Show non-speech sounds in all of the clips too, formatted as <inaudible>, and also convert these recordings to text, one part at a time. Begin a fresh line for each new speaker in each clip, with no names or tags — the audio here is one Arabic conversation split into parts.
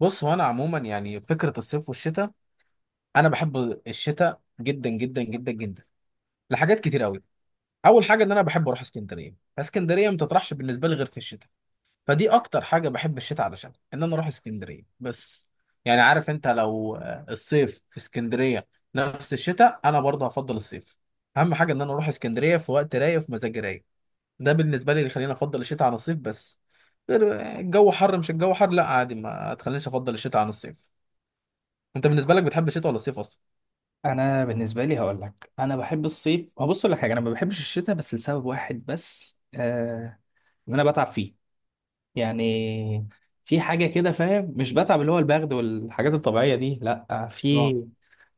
بص، هو انا عموما يعني فكره الصيف والشتاء، انا بحب الشتاء جدا جدا جدا جدا لحاجات كتير قوي. اول حاجه ان انا بحب اروح اسكندريه. اسكندريه ما تطرحش بالنسبه لي غير في الشتاء، فدي اكتر حاجه بحب الشتاء علشان ان انا اروح اسكندريه بس. يعني عارف انت لو الصيف في اسكندريه نفس الشتاء، انا برضه هفضل الصيف. اهم حاجه ان انا اروح اسكندريه في وقت رايق، في مزاج رايق. ده بالنسبه لي اللي يخليني افضل الشتاء عن الصيف بس. الجو حر، مش الجو حر لا عادي، ما تخلينيش افضل الشتاء عن الصيف. انت بالنسبه لك بتحب الشتاء ولا الصيف اصلا؟
انا بالنسبه لي هقول لك انا بحب الصيف. هبص لك حاجه، انا ما بحبش الشتاء بس لسبب واحد بس، ان انا بتعب فيه. يعني في حاجه كده، فاهم؟ مش بتعب اللي هو البرد والحاجات الطبيعيه دي، لا،
اه،
في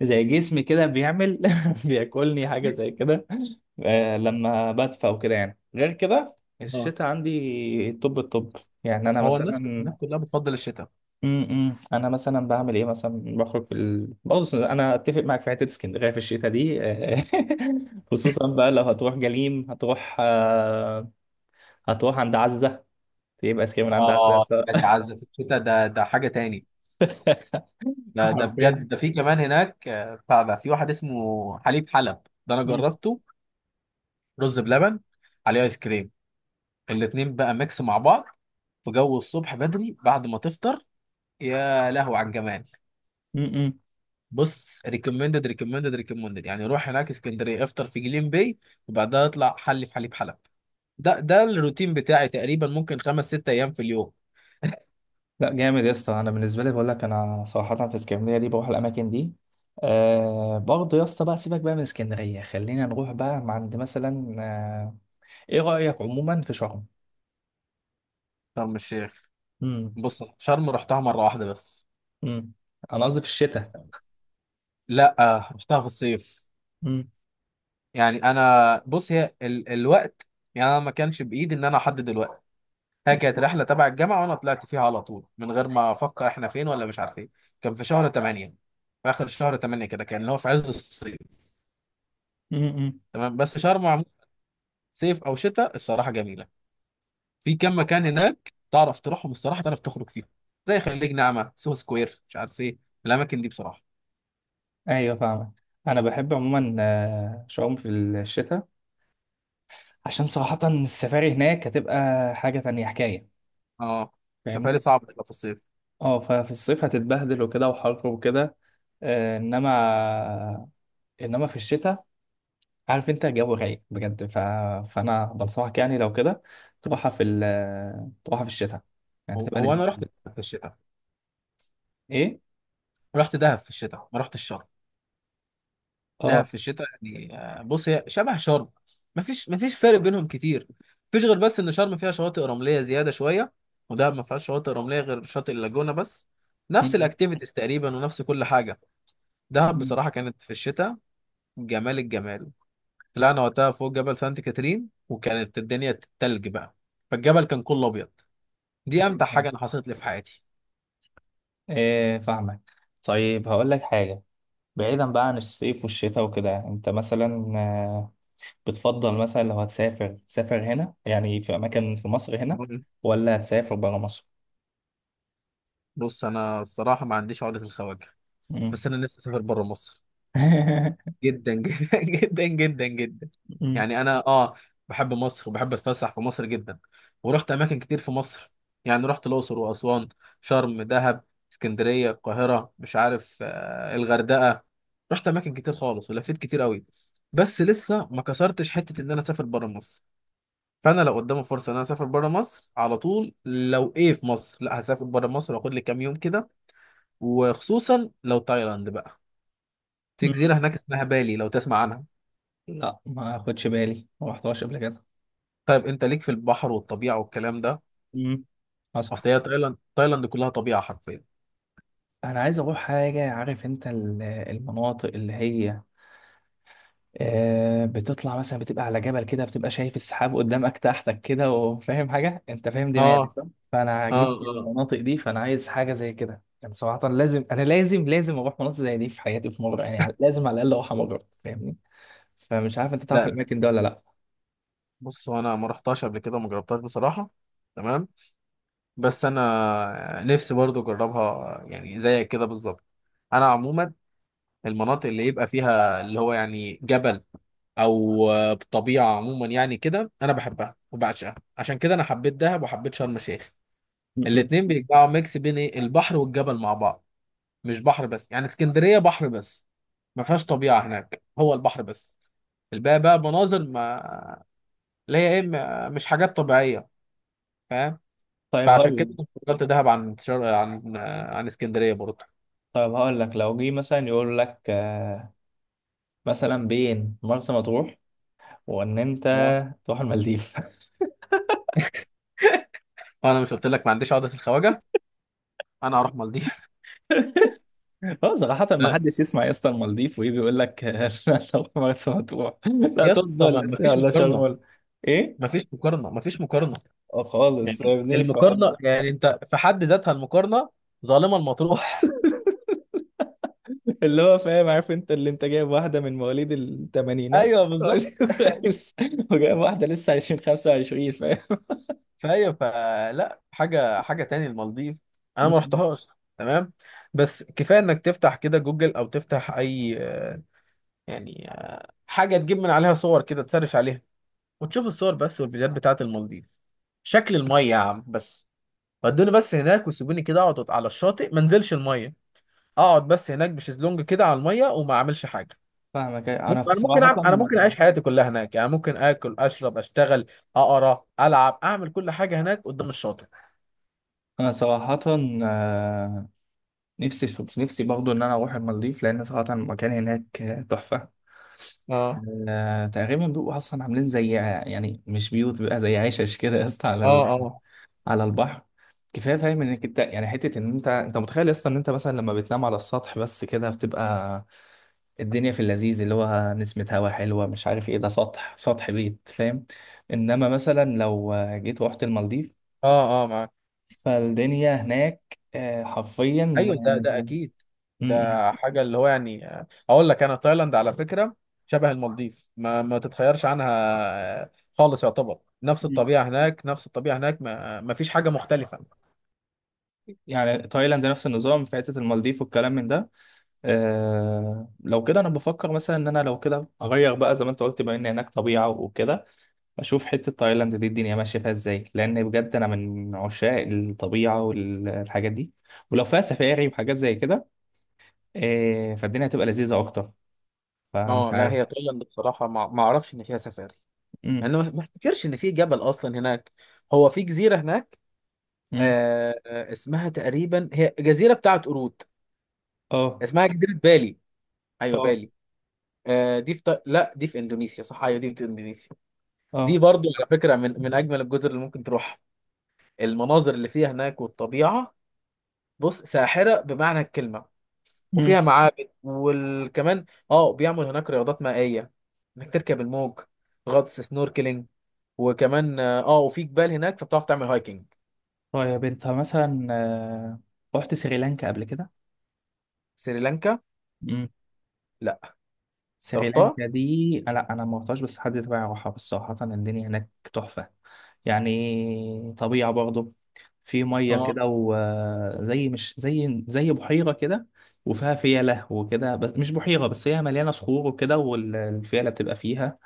زي جسمي كده بيعمل <laughs> بياكلني حاجه زي كده لما بدفى وكده. يعني غير كده
اه.
الشتاء عندي الطب. يعني انا
هو الناس
مثلا
الناس كلها بتفضل الشتاء.
انا مثلا بعمل ايه مثلا؟ بخرج بص، انا اتفق معاك في حته اسكندريه في الشتاء دي <laughs> خصوصا بقى لو هتروح جليم، هتروح هتروح عند عزه، تبقى اسكندريه من عند عزه يا
اه
اسطى.
بجد، عز في الشتاء ده حاجه تاني.
<laughs>
ده
حرفيا.
بجد، ده في كمان هناك بتاع ده، في واحد اسمه حليب حلب، ده انا
مم.
جربته. رز بلبن عليه ايس كريم، الاتنين بقى ميكس مع بعض، في جو الصبح بدري بعد ما تفطر، يا لهو على الجمال.
مم.
بص ريكومندد ريكومندد ريكومندد، يعني روح هناك اسكندريه، افطر في جليم باي، وبعدها اطلع حلي في حليب حلب. ده الروتين بتاعي تقريبا، ممكن خمس ست ايام في اليوم.
لا جامد يا اسطى. انا بالنسبه لي بقول لك، انا صراحه في اسكندريه دي بروح الاماكن دي. آه، برضه يا اسطى، بقى سيبك بقى من اسكندريه، خلينا نروح بقى عند مثلا ايه رايك عموما في شرم؟
شرم الشيخ؟
امم.
بص شرم رحتها مره واحده بس.
امم. انا قصدي في الشتاء.
لا، رحتها في الصيف.
امم.
يعني انا بص، هي الوقت، يعني انا ما كانش بايدي ان انا احدد الوقت. هي كانت رحله تبع الجامعه وانا طلعت فيها على طول، من غير ما افكر احنا فين ولا مش عارفين. كان في شهر 8، في اخر شهر 8 كده، كان اللي هو في عز الصيف.
امم، امم.
تمام، بس شرم عموماً، صيف او شتاء، الصراحه جميله. في كام مكان هناك تعرف تروحهم، الصراحه تعرف تخرج فيهم، زي خليج نعمه، سوهو سكوير، مش عارف ايه، الاماكن دي بصراحه.
ايوه، فاهمك. انا بحب عموما شعوم في الشتاء، عشان صراحة السفاري هناك هتبقى حاجة تانية، حكاية.
اه. سفاري
فاهمني؟
صعب تبقى في الصيف.
اه ففي الصيف هتتبهدل وكده وحر وكده، آه، انما، انما في الشتاء عارف انت الجو رايق بجد، فانا بنصحك، يعني لو كده تروحها في ال... تروحها في الشتاء، يعني
هو
تبقى
هو
لذيذة
انا
أوي.
رحت في الشتاء.
ايه؟
رحت دهب في الشتاء، ما رحتش شرم. دهب
اه.
في الشتاء، يعني بص هي شبه شرم، مفيش فرق بينهم كتير. مفيش غير بس ان شرم فيها شواطئ رمليه زياده شويه، ودهب ما فيهاش شواطئ رمليه غير شاطئ اللاجونه بس. نفس
م-
الاكتيفيتيز تقريبا، ونفس كل حاجه. دهب
م-
بصراحه كانت في الشتاء، جمال الجمال. طلعنا وقتها فوق جبل سانت كاترين، وكانت الدنيا تلج بقى، فالجبل كان كله ابيض. دي امتع
م-
حاجه انا حصلت لي في حياتي.
إيه، فاهمك. طيب هقول لك حاجة، بعيدا بقى عن الصيف والشتاء وكده، انت مثلا آه، بتفضل مثلا لو هتسافر تسافر هنا، يعني في اماكن في مصر هنا، ولا هتسافر برا مصر؟
بص انا الصراحه ما عنديش عقده الخواجه،
مم.
بس انا نفسي اسافر بره مصر
<laughs>
جدا جدا <laughs> جدا جدا جدا.
مم.
يعني انا بحب مصر وبحب اتفسح في مصر جدا، ورحت اماكن كتير في مصر. يعني رحت الاقصر واسوان، شرم، دهب، اسكندريه، القاهره، مش عارف الغردقه، رحت اماكن كتير خالص ولفيت كتير قوي. بس لسه ما كسرتش حته ان انا اسافر بره مصر. فانا لو قدامي فرصه ان انا اسافر بره مصر على طول، لو ايه في مصر لا هسافر بره مصر، واخد لي كام يوم كده، وخصوصا لو تايلاند بقى. في جزيره
مم.
هناك اسمها بالي، لو تسمع عنها.
لا، ما اخدش بالي، ما رحتهاش قبل كده.
طيب انت ليك في البحر والطبيعه والكلام ده.
مم. حصل.
اصل هي تايلاند كلها طبيعه حرفيا.
انا عايز اروح حاجه، عارف انت المناطق اللي هي آه، بتطلع مثلا بتبقى على جبل كده، بتبقى شايف السحاب قدامك تحتك كده، وفاهم حاجة، انت فاهم
اه،
دماغي صح؟ فانا
اه،
عاجبني
اه.
المناطق دي، فانا عايز حاجة زي كده. يعني صراحة لازم، انا لازم اروح مناطق زي دي في حياتي، في مرة يعني، لازم على الاقل اروح مرة، فاهمني؟ فمش عارف انت تعرف
لا،
الاماكن دي ولا لا.
بص هو انا ما رحتهاش قبل كده وما جربتهاش بصراحه. تمام، بس انا نفسي برضو اجربها يعني زيك كده بالظبط. انا عموما المناطق اللي يبقى فيها اللي هو يعني جبل او طبيعه عموما يعني، كده انا بحبها وبعشقها، عشان كده انا حبيت دهب وحبيت شرم الشيخ.
م- م.
الاتنين بيجمعوا ميكس بين ايه البحر والجبل مع بعض، مش بحر بس. يعني اسكندرية بحر بس، ما فيهاش طبيعة، هناك هو البحر بس. الباقي بقى مناظر، ما اللي هي ايه مش حاجات طبيعية، فاهم؟
طيب
فعشان
هقول لك
كده كنت فضلت دهب عن عن اسكندرية برضه.
طيب هقول لك، لو جه مثلا يقول لك آه، مثلا بين مرسى مطروح وان انت
اه.
تروح المالديف.
انا مش قلت لك ما عنديش عقدة الخواجة؟ انا هروح مالديف.
اه، صراحة ما
لا
حدش يسمع يا اسطى المالديف وايه، بيقول لك <laughs> لا، لو مرسى مطروح، لا
يا
طز،
اسطى، ما
ولا
ما
الساعة،
فيش
ولا شرم،
مقارنة،
ولا. ايه؟
ما فيش مقارنة، ما فيش مقارنة.
اه
يعني
خالص يا ابني، ف-
المقارنة، يعني انت في حد ذاتها المقارنة ظالمة المطروح.
<laughs> اللي هو فاهم، عارف انت اللي انت جايب واحدة من مواليد
<laughs>
الثمانينات،
ايوه بالظبط.
<laughs> وجايب واحدة لسه 20 25 فاهم؟
فهي فلا، حاجه حاجه تاني المالديف. انا ما
م-م.
رحتهاش. تمام، بس كفايه انك تفتح كده جوجل او تفتح اي يعني حاجه تجيب من عليها صور كده، تسرش عليها، وتشوف الصور بس والفيديوهات بتاعت المالديف. شكل الميه يا عم بس، ودوني بس هناك وسيبوني كده، اقعد على الشاطئ ما انزلش الميه. اقعد بس هناك بشезلونج كده على الميه، وما اعملش حاجه.
فاهمك. انا
ممكن
في
انا ممكن
صراحة،
أعمل... انا ممكن اعيش حياتي كلها هناك، يعني ممكن اكل، اشرب، اشتغل، اقرا، العب، اعمل كل حاجه هناك قدام الشاطئ.
انا صراحة آه، نفسي، برضه ان انا اروح المالديف. لان صراحة المكان هناك تحفة.
اه،
آه، تقريبا بيبقوا اصلا عاملين زي، يعني مش بيوت، بيبقى زي عشش كده يا اسطى
اه، اه.
على البحر. كفايه فاهم انك انت يعني حته ان انت متخيل يا اسطى ان انت مثلا لما بتنام على السطح بس كده، بتبقى الدنيا في اللذيذ اللي هو نسمة هوا حلوة، مش عارف ايه، ده سطح، سطح بيت، فاهم؟ انما مثلا لو جيت رحت المالديف،
اه، اه، معاك.
فالدنيا هناك آه، حرفيا
ايوه، ده
آه،
ده اكيد.
م- م-
ده حاجه اللي هو يعني، اقول لك انا تايلاند على فكره شبه المالديف، ما تتخيرش عنها آه، خالص. يعتبر نفس
م.
الطبيعه هناك، نفس الطبيعه هناك، ما فيش حاجه مختلفه.
يعني تايلاند نفس النظام في حتة المالديف والكلام من ده. آه لو كده، انا بفكر مثلا ان انا لو كده اغير بقى زي ما انت قلت، بما ان هناك طبيعه وكده، اشوف حته تايلاند دي الدنيا ماشيه فيها ازاي، لان بجد انا من عشاق الطبيعه والحاجات دي، ولو فيها سفاري وحاجات زي كده آه فالدنيا هتبقى لذيذه اكتر.
اه،
فمش
لا هي
عارف.
تايلاند بصراحه، ما اعرفش ان فيها سفاري.
امم.
يعني ما افتكرش ان في جبل اصلا هناك. هو في جزيره هناك،
امم.
اسمها تقريبا هي جزيره بتاعت قرود،
اه
اسمها جزيره بالي. ايوه
اه
بالي. لا، دي في اندونيسيا، صح، ايوه دي في اندونيسيا. دي
اه.
برضو على فكرة من أجمل الجزر اللي ممكن تروح. المناظر اللي فيها هناك والطبيعة، بص ساحرة بمعنى الكلمة.
امم.
وفيها معابد وكمان، اه، بيعمل هناك رياضات مائية، انك تركب الموج، غطس، سنوركلينج. وكمان وفي جبال هناك، فبتعرف تعمل هايكنج.
طيب انت مثلا رحت سريلانكا قبل كده؟
سريلانكا؟ لا. انت رحتها؟
سريلانكا دي لا، انا ما رحتهاش، بس حد تبعي راحها، بس صراحة الدنيا هناك تحفة. يعني طبيعة برضه، في مية
اه،
كده وزي، مش زي، زي بحيرة كده، وفيها فيلة وكده، بس مش بحيرة بس، هي مليانة صخور وكده والفيلة بتبقى فيها.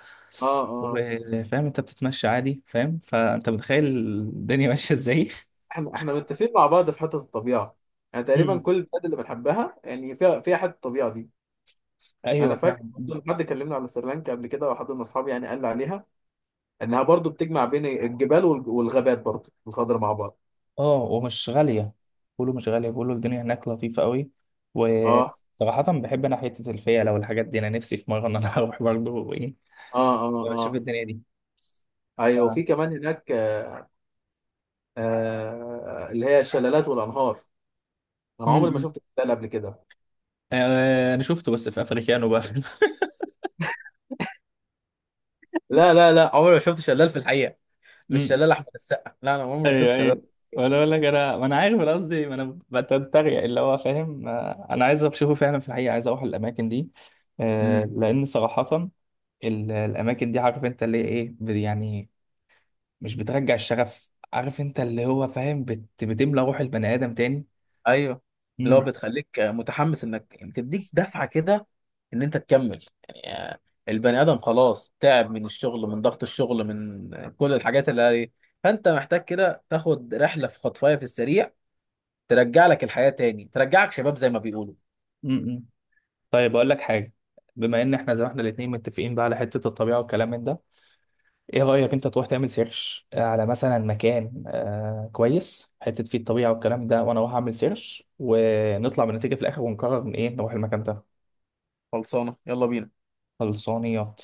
اه، اه.
وفاهم انت بتتمشى عادي، فاهم؟ فانت متخيل الدنيا ماشية ازاي.
احنا متفقين مع بعض في حته الطبيعه. يعني
<laughs>
تقريبا
مم.
كل البلاد اللي بنحبها يعني فيها حته الطبيعه دي. انا
ايوه،
فاكر
فاهم.
لما حد كلمنا على سريلانكا قبل كده، وحد من اصحابي يعني قال لي عليها انها برضو بتجمع بين الجبال والغابات برضو، الخضرة مع بعض.
اه ومش غالية، بيقولوا مش غالية، بيقولوا الدنيا هناك لطيفة قوي.
اه،
وصراحة بحب أنا حتة الفيلة والحاجات دي، أنا نفسي في مرة إن أنا <laughs> أروح برضه، وإيه،
اه، اه،
وأشوف
اه،
الدنيا دي. ف...
ايوه.
م-
وفي كمان هناك اللي هي الشلالات والانهار. انا عمري ما
م.
شفت شلال قبل كده.
آه، أنا شفته بس في أفريكانو بقى.
لا، لا، لا، عمري ما شفت شلال في الحقيقة.
<laughs> م-
مش
م.
شلال احمد السقا، لا انا عمري ما شفت
أيوه
شلال.
أيوه. وأنا أقول لك، أنا ما أنا عارف، أنا قصدي ما أنا بتريق اللي هو فاهم، آه، أنا عايز أشوفه فعلا في الحقيقة، عايز أروح الأماكن دي، آه، لأن صراحة الأماكن دي عارف أنت اللي هي إيه، يعني مش بترجع الشغف، عارف انت اللي هو فاهم، بتملى روح البني ادم تاني.
ايوه. اللي هو
امم.
بتخليك متحمس، انك يعني تديك دفعه كده، ان انت تكمل، يعني البني ادم خلاص تعب من الشغل، من ضغط الشغل، من كل الحاجات اللي عليه. فانت محتاج كده تاخد رحله في خطفايه في السريع، ترجع لك الحياه تاني، ترجعك شباب زي ما بيقولوا.
امم. طيب اقول لك حاجه، بما ان احنا زي ما احنا الاتنين متفقين بقى على حته الطبيعه والكلام من ده، ايه رايك انت تروح تعمل سيرش على مثلا مكان آه كويس، حته فيه الطبيعه والكلام ده، وانا اروح اعمل سيرش، ونطلع بنتيجه في الاخر، ونقرر من ايه نروح المكان ده.
خلصانه، يلا بينا.
خلصانيات.